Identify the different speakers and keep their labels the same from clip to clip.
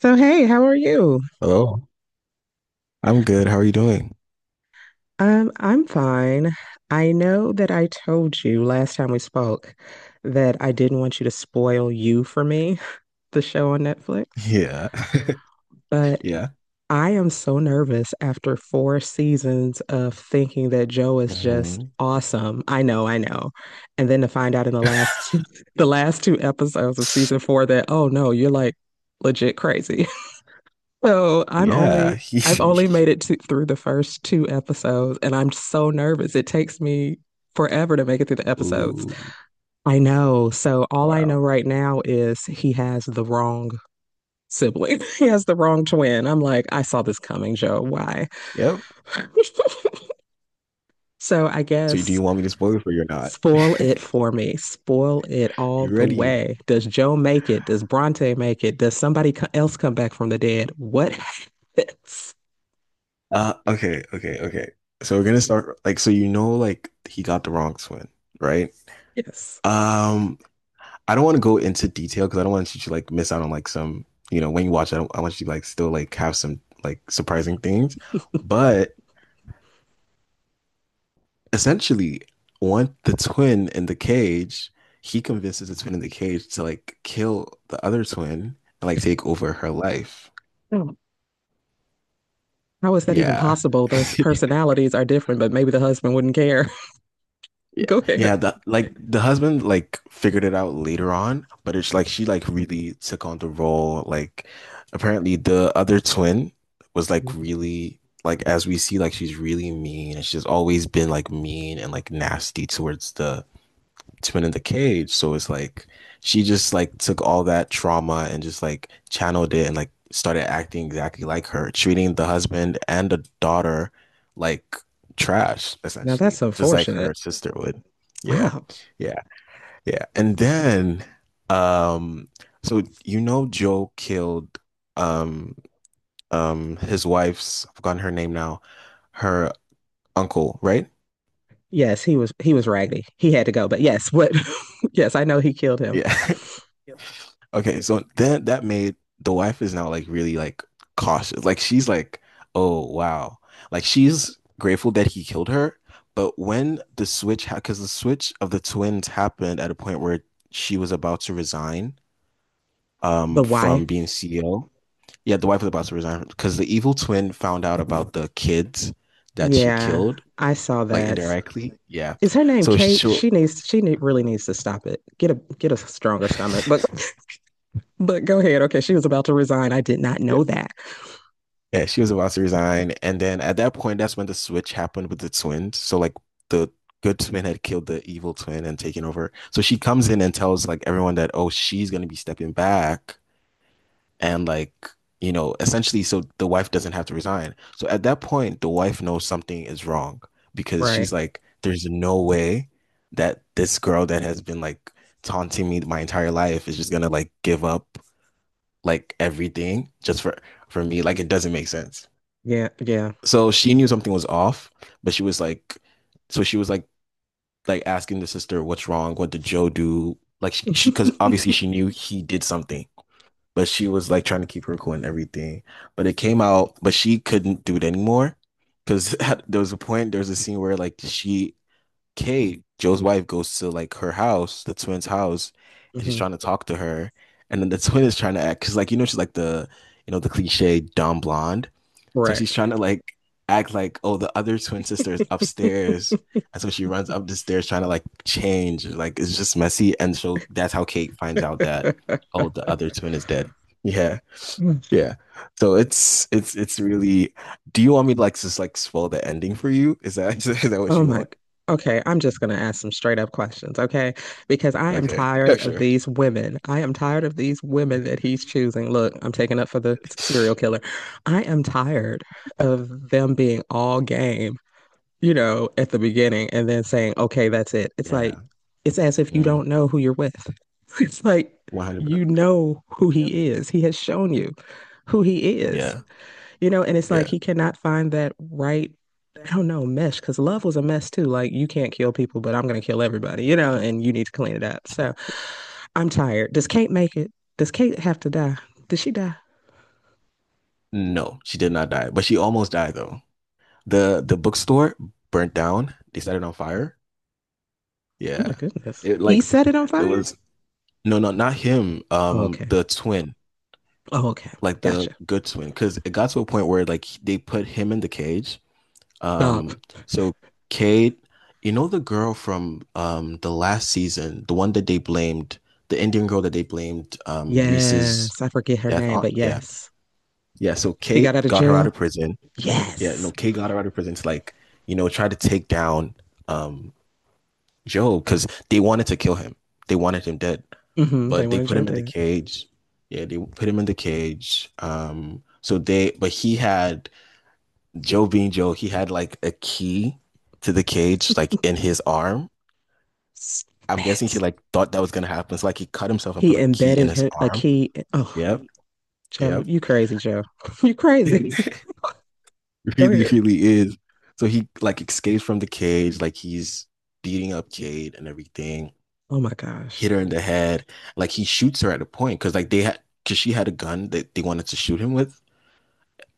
Speaker 1: So, hey, how are you?
Speaker 2: Hello, I'm good. How are you doing?
Speaker 1: I'm fine. I know that I told you last time we spoke that I didn't want you to spoil You for me, the show on Netflix,
Speaker 2: Yeah,
Speaker 1: but
Speaker 2: yeah,
Speaker 1: I am so nervous after four seasons of thinking that Joe is just
Speaker 2: hmm
Speaker 1: awesome. I know, I know. And then to find out in the last two, the last two episodes of season four that, oh no, you're like legit crazy. So I'm
Speaker 2: yeah.
Speaker 1: only I've only made it through the first two episodes and I'm so nervous. It takes me forever to make it through the episodes.
Speaker 2: Ooh,
Speaker 1: I know. So all I know
Speaker 2: wow.
Speaker 1: right now is he has the wrong sibling. He has the wrong twin. I'm like, I saw this coming, Joe. Why?
Speaker 2: Yep.
Speaker 1: So I
Speaker 2: So, do
Speaker 1: guess
Speaker 2: you want me to spoil it for you or not?
Speaker 1: spoil it for me. Spoil it all
Speaker 2: You
Speaker 1: the
Speaker 2: ready?
Speaker 1: way. Does Joe make it? Does Bronte make it? Does somebody else come back from the dead? What happens?
Speaker 2: Okay, okay, okay. So we're gonna start like so you know like he got the wrong twin, right?
Speaker 1: Yes.
Speaker 2: Um, I don't want to go into detail because I don't want you to like miss out on like some you know when you watch. I don't, I want you to like still like have some like surprising things, but. Essentially one the twin in the cage. He convinces the twin in the cage to like kill the other twin and like take over her life.
Speaker 1: How is that even
Speaker 2: Yeah.
Speaker 1: possible? Those personalities are different, but maybe the husband wouldn't care.
Speaker 2: Yeah.
Speaker 1: Go
Speaker 2: Yeah,
Speaker 1: ahead.
Speaker 2: the like the husband like figured it out later on, but it's like she like really took on the role. Like apparently the other twin was like
Speaker 1: Mm.
Speaker 2: really like as we see like she's really mean and she's always been like mean and like nasty towards the it's been in the cage. So it's like she just like took all that trauma and just like channeled it and like started acting exactly like her, treating the husband and the daughter like trash,
Speaker 1: Now
Speaker 2: essentially,
Speaker 1: that's
Speaker 2: just like
Speaker 1: unfortunate.
Speaker 2: her sister would. Yeah.
Speaker 1: Wow.
Speaker 2: Yeah. Yeah. And then um so you know Joe killed um his wife's, I've forgotten her name now, her uncle, right?
Speaker 1: Yes, he was raggedy. He had to go, but yes, what yes, I know he killed him.
Speaker 2: Yeah. Yep. Okay, so then that made the wife is now like really like cautious. Like she's like, oh wow. Like she's grateful that he killed her, but when the switch ha because the switch of the twins happened at a point where she was about to resign
Speaker 1: The
Speaker 2: from
Speaker 1: wife.
Speaker 2: being CEO. Yeah, the wife was about to resign because the evil twin found out about the kids that she
Speaker 1: Yeah,
Speaker 2: killed,
Speaker 1: I saw
Speaker 2: like
Speaker 1: that.
Speaker 2: indirectly. Yeah.
Speaker 1: Is her name
Speaker 2: So
Speaker 1: Kate?
Speaker 2: she'll
Speaker 1: She really needs to stop it. Get a stronger stomach. But but go ahead. Okay, she was about to resign. I did not know that.
Speaker 2: Yeah, she was about to resign. And then at that point, that's when the switch happened with the twins. So like the good twin had killed the evil twin and taken over. So she comes in and tells like everyone that, oh, she's gonna be stepping back and like, you know, essentially so the wife doesn't have to resign. So at that point, the wife knows something is wrong because
Speaker 1: Right.
Speaker 2: she's like, there's no way that this girl that has been like taunting me my entire life is just gonna like give up like everything just for me. Like it doesn't make sense
Speaker 1: Yeah, yeah.
Speaker 2: so she knew something was off, but she was like, so she was like asking the sister, "What's wrong? What did Joe do?" Like she, because obviously she knew he did something, but she was like trying to keep her cool and everything. But it came out, but she couldn't do it anymore because there was a scene where like she, Kate, Joe's wife, goes to like her house, the twins' house, and she's
Speaker 1: hmm
Speaker 2: trying to talk to her, and then the twin is trying to act because like you know she's like the, you know the cliche dumb blonde. So
Speaker 1: Right.
Speaker 2: she's trying to like act like, oh, the other twin sister is upstairs. And so she runs up the stairs trying to like change. Like it's just messy. And so that's how Kate finds out that, oh, the other twin is dead. Yeah.
Speaker 1: Mm.
Speaker 2: Yeah. So it's really do you want me to like just like spoil the ending for you? Is that is that what
Speaker 1: Oh
Speaker 2: you
Speaker 1: my.
Speaker 2: want?
Speaker 1: Okay, I'm just going to ask some straight up questions, okay? Because I am
Speaker 2: Okay.
Speaker 1: tired
Speaker 2: Yeah,
Speaker 1: of
Speaker 2: sure.
Speaker 1: these women. I am tired of these women that he's choosing. Look, I'm taking up for the serial killer. I am tired of them being all game, at the beginning and then saying, okay, that's it. It's like,
Speaker 2: Yeah.
Speaker 1: it's as if you
Speaker 2: Mm,
Speaker 1: don't know who you're with. It's like,
Speaker 2: 100.
Speaker 1: you know who he is. He has shown you who he is.
Speaker 2: Yeah.
Speaker 1: And it's like
Speaker 2: Yeah.
Speaker 1: he cannot find that right, I don't know, mesh, because love was a mess too. Like, you can't kill people, but I'm going to kill everybody, and you need to clean it up. So I'm tired. Does Kate make it? Does Kate have to die? Did she die?
Speaker 2: No, she did not die, but she almost died though. The bookstore burnt down. They set it on fire.
Speaker 1: Oh my
Speaker 2: Yeah.
Speaker 1: goodness.
Speaker 2: It
Speaker 1: He
Speaker 2: like
Speaker 1: set it on
Speaker 2: it
Speaker 1: fire?
Speaker 2: was no, no, not him.
Speaker 1: Oh, okay.
Speaker 2: The twin,
Speaker 1: Oh, okay.
Speaker 2: like the
Speaker 1: Gotcha.
Speaker 2: good twin. Cause it got to a point where like they put him in the cage.
Speaker 1: Stop.
Speaker 2: Um so Cade, you know the girl from the last season, the one that they blamed, the Indian girl that they blamed Reese's
Speaker 1: Yes. I forget her
Speaker 2: death
Speaker 1: name,
Speaker 2: on.
Speaker 1: but
Speaker 2: Yeah.
Speaker 1: yes.
Speaker 2: Yeah. So
Speaker 1: She got out
Speaker 2: Kate
Speaker 1: of
Speaker 2: got her out
Speaker 1: jail?
Speaker 2: of prison. Yeah, no,
Speaker 1: Yes.
Speaker 2: Kate got her out of prison to like, you know, try to take down um Joe, because they wanted to kill him. They wanted him dead,
Speaker 1: hmm They
Speaker 2: but they
Speaker 1: wanted
Speaker 2: put
Speaker 1: Joe
Speaker 2: him in the
Speaker 1: dead.
Speaker 2: cage. Yeah, they put him in the cage. But he had Joe being Joe, he had like a key to the cage, like in his arm. I'm guessing he
Speaker 1: Spit.
Speaker 2: like thought that was gonna happen. So like he cut himself and
Speaker 1: He
Speaker 2: put a key in
Speaker 1: embedded
Speaker 2: his
Speaker 1: him, a
Speaker 2: arm.
Speaker 1: key. Oh,
Speaker 2: Yep,
Speaker 1: Joe,
Speaker 2: yep.
Speaker 1: you crazy, Joe. you crazy. Go
Speaker 2: Really,
Speaker 1: ahead.
Speaker 2: really is. So he like escapes from the cage, like he's beating up Jade and everything.
Speaker 1: Oh my gosh.
Speaker 2: Hit her in the head. Like he shoots her at a point because like they had because she had a gun that they wanted to shoot him with,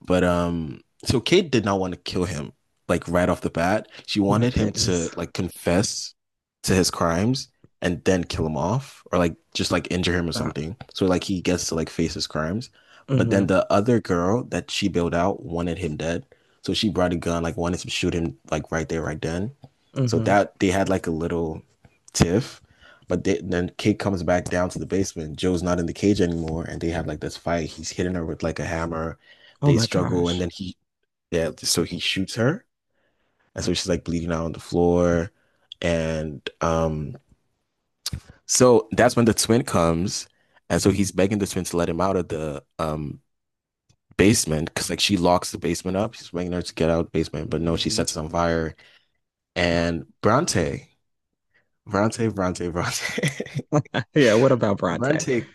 Speaker 2: but so Kate did not want to kill him like right off the bat. She
Speaker 1: My
Speaker 2: wanted him to
Speaker 1: goodness.
Speaker 2: like confess to his crimes and then kill him off or like just like injure him or
Speaker 1: That.
Speaker 2: something. So like he gets to like face his crimes. But then
Speaker 1: Hmm
Speaker 2: the other girl that she bailed out wanted him dead. So she brought a gun, like wanted to shoot him like right there, right then. So
Speaker 1: hmm
Speaker 2: that they had like a little tiff. Then Kate comes back down to the basement. Joe's not in the cage anymore, and they have like this fight. He's hitting her with like a hammer,
Speaker 1: Oh
Speaker 2: they
Speaker 1: my
Speaker 2: struggle, and
Speaker 1: gosh.
Speaker 2: yeah, so he shoots her, and so she's like bleeding out on the floor, and so that's when the twin comes, and so he's begging the twin to let him out of the basement because like she locks the basement up. She's begging her to get out of the basement, but no, she
Speaker 1: Hmm
Speaker 2: sets it on fire, and Bronte,
Speaker 1: Yeah, what about Bronte?
Speaker 2: Bronte.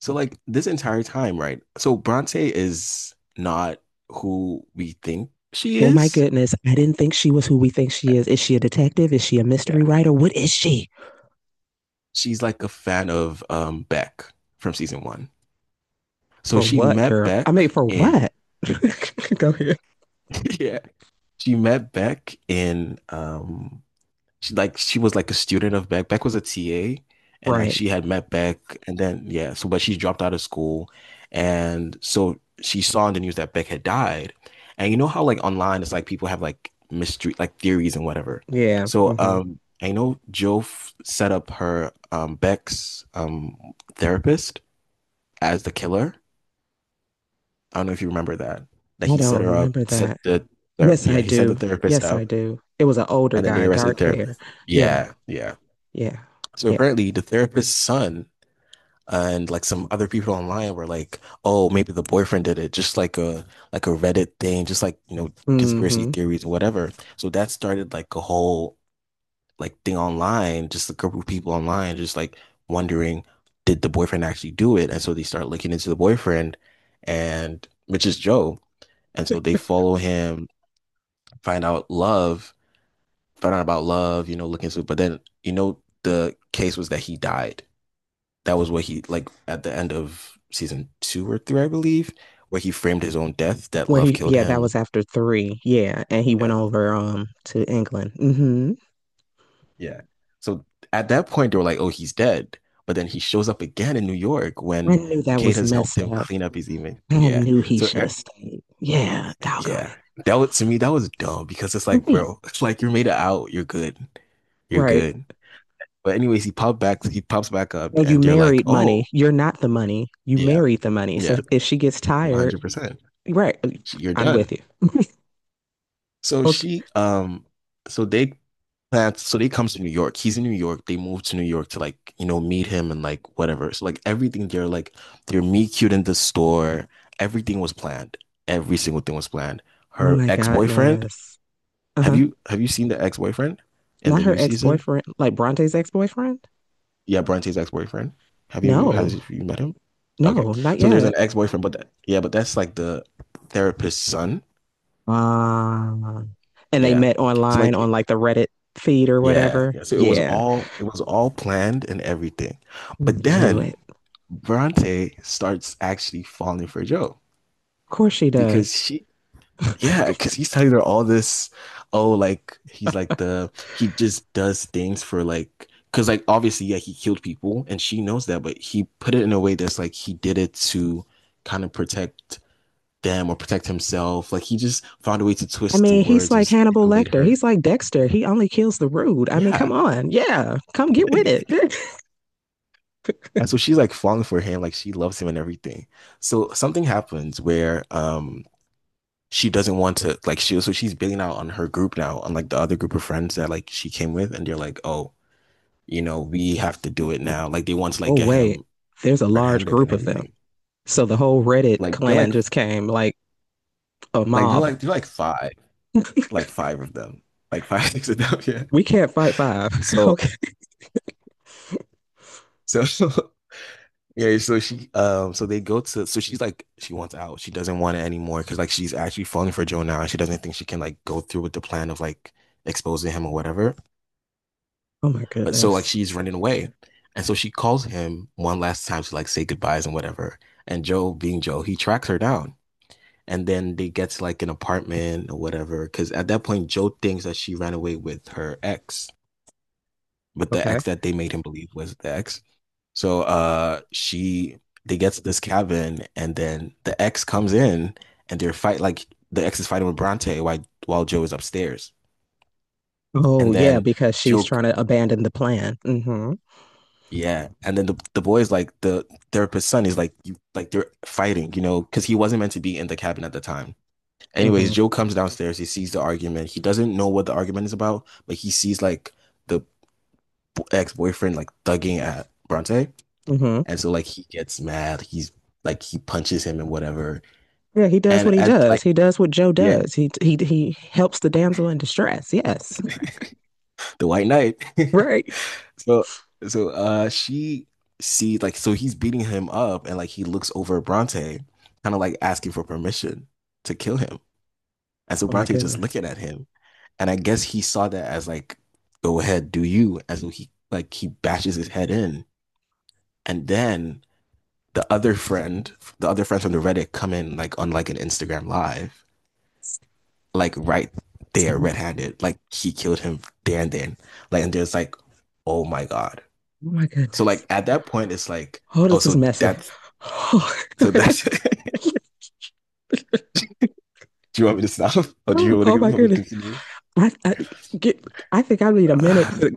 Speaker 2: So like this entire time, right? So Bronte is not who we think she
Speaker 1: Well, my
Speaker 2: is.
Speaker 1: goodness, I didn't think she was who we think she is. Is she a detective? Is she a mystery
Speaker 2: Yeah.
Speaker 1: writer? What is she?
Speaker 2: She's like a fan of Beck from season one. So
Speaker 1: For
Speaker 2: she
Speaker 1: what,
Speaker 2: met
Speaker 1: girl? I
Speaker 2: Beck
Speaker 1: mean, for
Speaker 2: in
Speaker 1: what? Go ahead.
Speaker 2: yeah, she met Beck in she like she was like a student of Beck. Beck was a TA and like
Speaker 1: Right.
Speaker 2: she had met Beck and then yeah, so but she dropped out of school and so she saw in the news that Beck had died. And you know how like online it's like people have like mystery like theories and whatever.
Speaker 1: Yeah.
Speaker 2: So
Speaker 1: hmm
Speaker 2: I know Joe set up her Beck's therapist as the killer. I don't know if you remember that. That
Speaker 1: I
Speaker 2: he set
Speaker 1: don't
Speaker 2: her up,
Speaker 1: remember that. Yes,
Speaker 2: yeah,
Speaker 1: I
Speaker 2: he set the
Speaker 1: do.
Speaker 2: therapist
Speaker 1: Yes, I
Speaker 2: up,
Speaker 1: do. It was an older
Speaker 2: and then they
Speaker 1: guy,
Speaker 2: arrested the
Speaker 1: dark hair.
Speaker 2: therapist.
Speaker 1: Yeah.
Speaker 2: Yeah, yeah.
Speaker 1: Yeah.
Speaker 2: So
Speaker 1: Yeah.
Speaker 2: apparently, the therapist's son and like some other people online were like, "Oh, maybe the boyfriend did it," just like a Reddit thing, just like you know conspiracy
Speaker 1: hmm
Speaker 2: theories or whatever. So that started like a whole like thing online, just a group of people online, just like wondering, did the boyfriend actually do it? And so they start looking into the boyfriend, and which is Joe. And so they follow him, find out love, find out about love, you know, looking so but then you know the case was that he died. That was what he like at the end of season two or three, I believe, where he framed his own death that
Speaker 1: Where
Speaker 2: love
Speaker 1: he,
Speaker 2: killed
Speaker 1: yeah, that was
Speaker 2: him.
Speaker 1: after three. Yeah, and he
Speaker 2: Yeah.
Speaker 1: went over to England. Hmm
Speaker 2: Yeah. So at that point they were like, oh, he's dead. But then he shows up again in New York
Speaker 1: I
Speaker 2: when
Speaker 1: knew that
Speaker 2: Kate
Speaker 1: was
Speaker 2: has helped
Speaker 1: messed
Speaker 2: him
Speaker 1: up.
Speaker 2: clean up his image.
Speaker 1: I
Speaker 2: Yeah.
Speaker 1: knew he
Speaker 2: So
Speaker 1: should have
Speaker 2: e-
Speaker 1: stayed. Yeah, doggone
Speaker 2: yeah.
Speaker 1: it.
Speaker 2: That was to me, that was dumb because it's like,
Speaker 1: Right,
Speaker 2: bro, it's like you made it out, you're good. You're
Speaker 1: right.
Speaker 2: good. But anyways, he popped back. He pops back up,
Speaker 1: And you
Speaker 2: and they're like,
Speaker 1: married
Speaker 2: "Oh,
Speaker 1: money. You're not the money. You
Speaker 2: yeah,
Speaker 1: married the money. So
Speaker 2: yeah,
Speaker 1: if she gets
Speaker 2: one
Speaker 1: tired,
Speaker 2: hundred percent.
Speaker 1: right,
Speaker 2: You're
Speaker 1: I'm
Speaker 2: done."
Speaker 1: with you.
Speaker 2: So she,
Speaker 1: Okay.
Speaker 2: so they plans. So they comes to New York. He's in New York. They move to New York to like you know meet him and like whatever. So like everything, they're meet cute in the store. Everything was planned. Every single thing was planned.
Speaker 1: Oh
Speaker 2: Her
Speaker 1: my
Speaker 2: ex boyfriend.
Speaker 1: goodness. Uh huh.
Speaker 2: Have you seen the ex boyfriend in
Speaker 1: Not
Speaker 2: the
Speaker 1: her
Speaker 2: new
Speaker 1: ex
Speaker 2: season?
Speaker 1: boyfriend, like Bronte's ex boyfriend.
Speaker 2: Yeah, Bronte's ex-boyfriend. Have you has
Speaker 1: No,
Speaker 2: you met him? Okay.
Speaker 1: no, not
Speaker 2: So there's an
Speaker 1: yet.
Speaker 2: ex-boyfriend, yeah, but that's like the therapist's son.
Speaker 1: Uh, and they
Speaker 2: Yeah.
Speaker 1: met
Speaker 2: So
Speaker 1: online on
Speaker 2: like
Speaker 1: like the Reddit feed or
Speaker 2: yeah,
Speaker 1: whatever.
Speaker 2: yeah. So
Speaker 1: Yeah,
Speaker 2: it was all planned and everything. But
Speaker 1: knew
Speaker 2: then
Speaker 1: it.
Speaker 2: Bronte starts actually falling for Joe
Speaker 1: Of course she does.
Speaker 2: because she
Speaker 1: I
Speaker 2: yeah, because he's telling her all this, oh, like he's like the he just does things for like because like obviously yeah he killed people and she knows that, but he put it in a way that's like he did it to kind of protect them or protect himself. Like he just found a way to twist the
Speaker 1: mean, he's
Speaker 2: words and
Speaker 1: like
Speaker 2: just
Speaker 1: Hannibal
Speaker 2: manipulate
Speaker 1: Lecter.
Speaker 2: her.
Speaker 1: He's like Dexter. He only kills the rude. I mean, come
Speaker 2: Yeah.
Speaker 1: on. Yeah, come get with it.
Speaker 2: And so she's like falling for him, like she loves him and everything. So something happens where she doesn't want to like she so she's bailing out on her group now, on like the other group of friends that like she came with, and they're like, oh you know, we have to do it now. Like they want to like
Speaker 1: Oh,
Speaker 2: get
Speaker 1: wait,
Speaker 2: him
Speaker 1: there's a large
Speaker 2: red-handed and
Speaker 1: group of them.
Speaker 2: everything.
Speaker 1: So the whole Reddit
Speaker 2: Like
Speaker 1: clan just came. Like, a mob.
Speaker 2: they're like five, like five of them, like five six of them. Yeah.
Speaker 1: We can't fight five.
Speaker 2: So
Speaker 1: Okay.
Speaker 2: so yeah. So she so they go to so she's like she wants out. She doesn't want it anymore because like she's actually falling for Joe now and she doesn't think she can like go through with the plan of like exposing him or whatever.
Speaker 1: Oh my
Speaker 2: But so like
Speaker 1: goodness.
Speaker 2: she's running away. And so she calls him one last time to like say goodbyes and whatever. And Joe, being Joe, he tracks her down and then they get like an apartment or whatever. Because at that point, Joe thinks that she ran away with her ex, with the
Speaker 1: Okay.
Speaker 2: ex that they made him believe was the ex. So she they get to this cabin, and then the ex comes in, and the ex is fighting with Bronte while Joe is upstairs,
Speaker 1: Oh
Speaker 2: and
Speaker 1: yeah,
Speaker 2: then
Speaker 1: because she's
Speaker 2: Joe.
Speaker 1: trying to abandon the plan. Mm-hmm.
Speaker 2: Yeah, and then the boy is like the therapist's son is like you like they're fighting, you know, because he wasn't meant to be in the cabin at the time. Anyways,
Speaker 1: Mm-hmm.
Speaker 2: Joe comes downstairs. He sees the argument. He doesn't know what the argument is about, but he sees like the ex boyfriend like thugging at Bronte,
Speaker 1: Mm-hmm.
Speaker 2: and so like he gets mad. He's like he punches him and whatever.
Speaker 1: Yeah, he does
Speaker 2: And
Speaker 1: what he
Speaker 2: at like
Speaker 1: does. He does what Joe
Speaker 2: yeah,
Speaker 1: does. He helps the damsel in distress. Yes.
Speaker 2: the White Knight.
Speaker 1: Right.
Speaker 2: So so she sees like so he's beating him up, and like he looks over at Bronte, kind of like asking for permission to kill him. And so
Speaker 1: Oh my
Speaker 2: Bronte just
Speaker 1: goodness.
Speaker 2: looking at him, and I guess he saw that as like, go ahead, do you. And so he bashes his head in. And then the other friend, the other friends from the Reddit come in like on like an Instagram live, like right there, red handed. Like he killed him there and then. Like and there's like, oh my God.
Speaker 1: Oh my
Speaker 2: So
Speaker 1: goodness.
Speaker 2: like at that point it's like,
Speaker 1: Oh,
Speaker 2: oh
Speaker 1: this is messy. Oh,
Speaker 2: so that's do you want me to stop? Or do you want
Speaker 1: oh
Speaker 2: to
Speaker 1: my
Speaker 2: me
Speaker 1: goodness.
Speaker 2: continue?
Speaker 1: I, I, get, I think I need a minute to,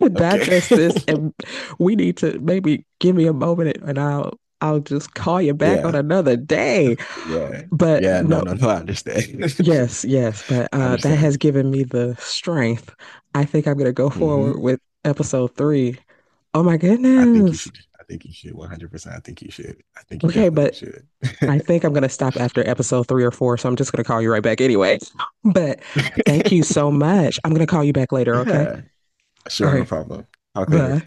Speaker 1: to
Speaker 2: Okay.
Speaker 1: digest this, and we need to maybe give me a moment, and I'll just call you back on
Speaker 2: Yeah.
Speaker 1: another day.
Speaker 2: Yeah.
Speaker 1: But
Speaker 2: Yeah. No,
Speaker 1: no,
Speaker 2: no, no, I understand.
Speaker 1: yes, yes, but
Speaker 2: I
Speaker 1: that
Speaker 2: understand.
Speaker 1: has given me the strength. I think I'm gonna go forward
Speaker 2: Hmm.
Speaker 1: with episode three. Oh my
Speaker 2: I think you
Speaker 1: goodness.
Speaker 2: should. I think you should. 100%. I think you should. I think you
Speaker 1: Okay,
Speaker 2: definitely
Speaker 1: but
Speaker 2: should.
Speaker 1: I think I'm going to stop after episode three or four, so I'm just going to call you right back anyway. But thank you so much. I'm going to call you back later, okay?
Speaker 2: Yeah.
Speaker 1: All
Speaker 2: Sure, no
Speaker 1: right.
Speaker 2: problem. Talk later.
Speaker 1: Bye.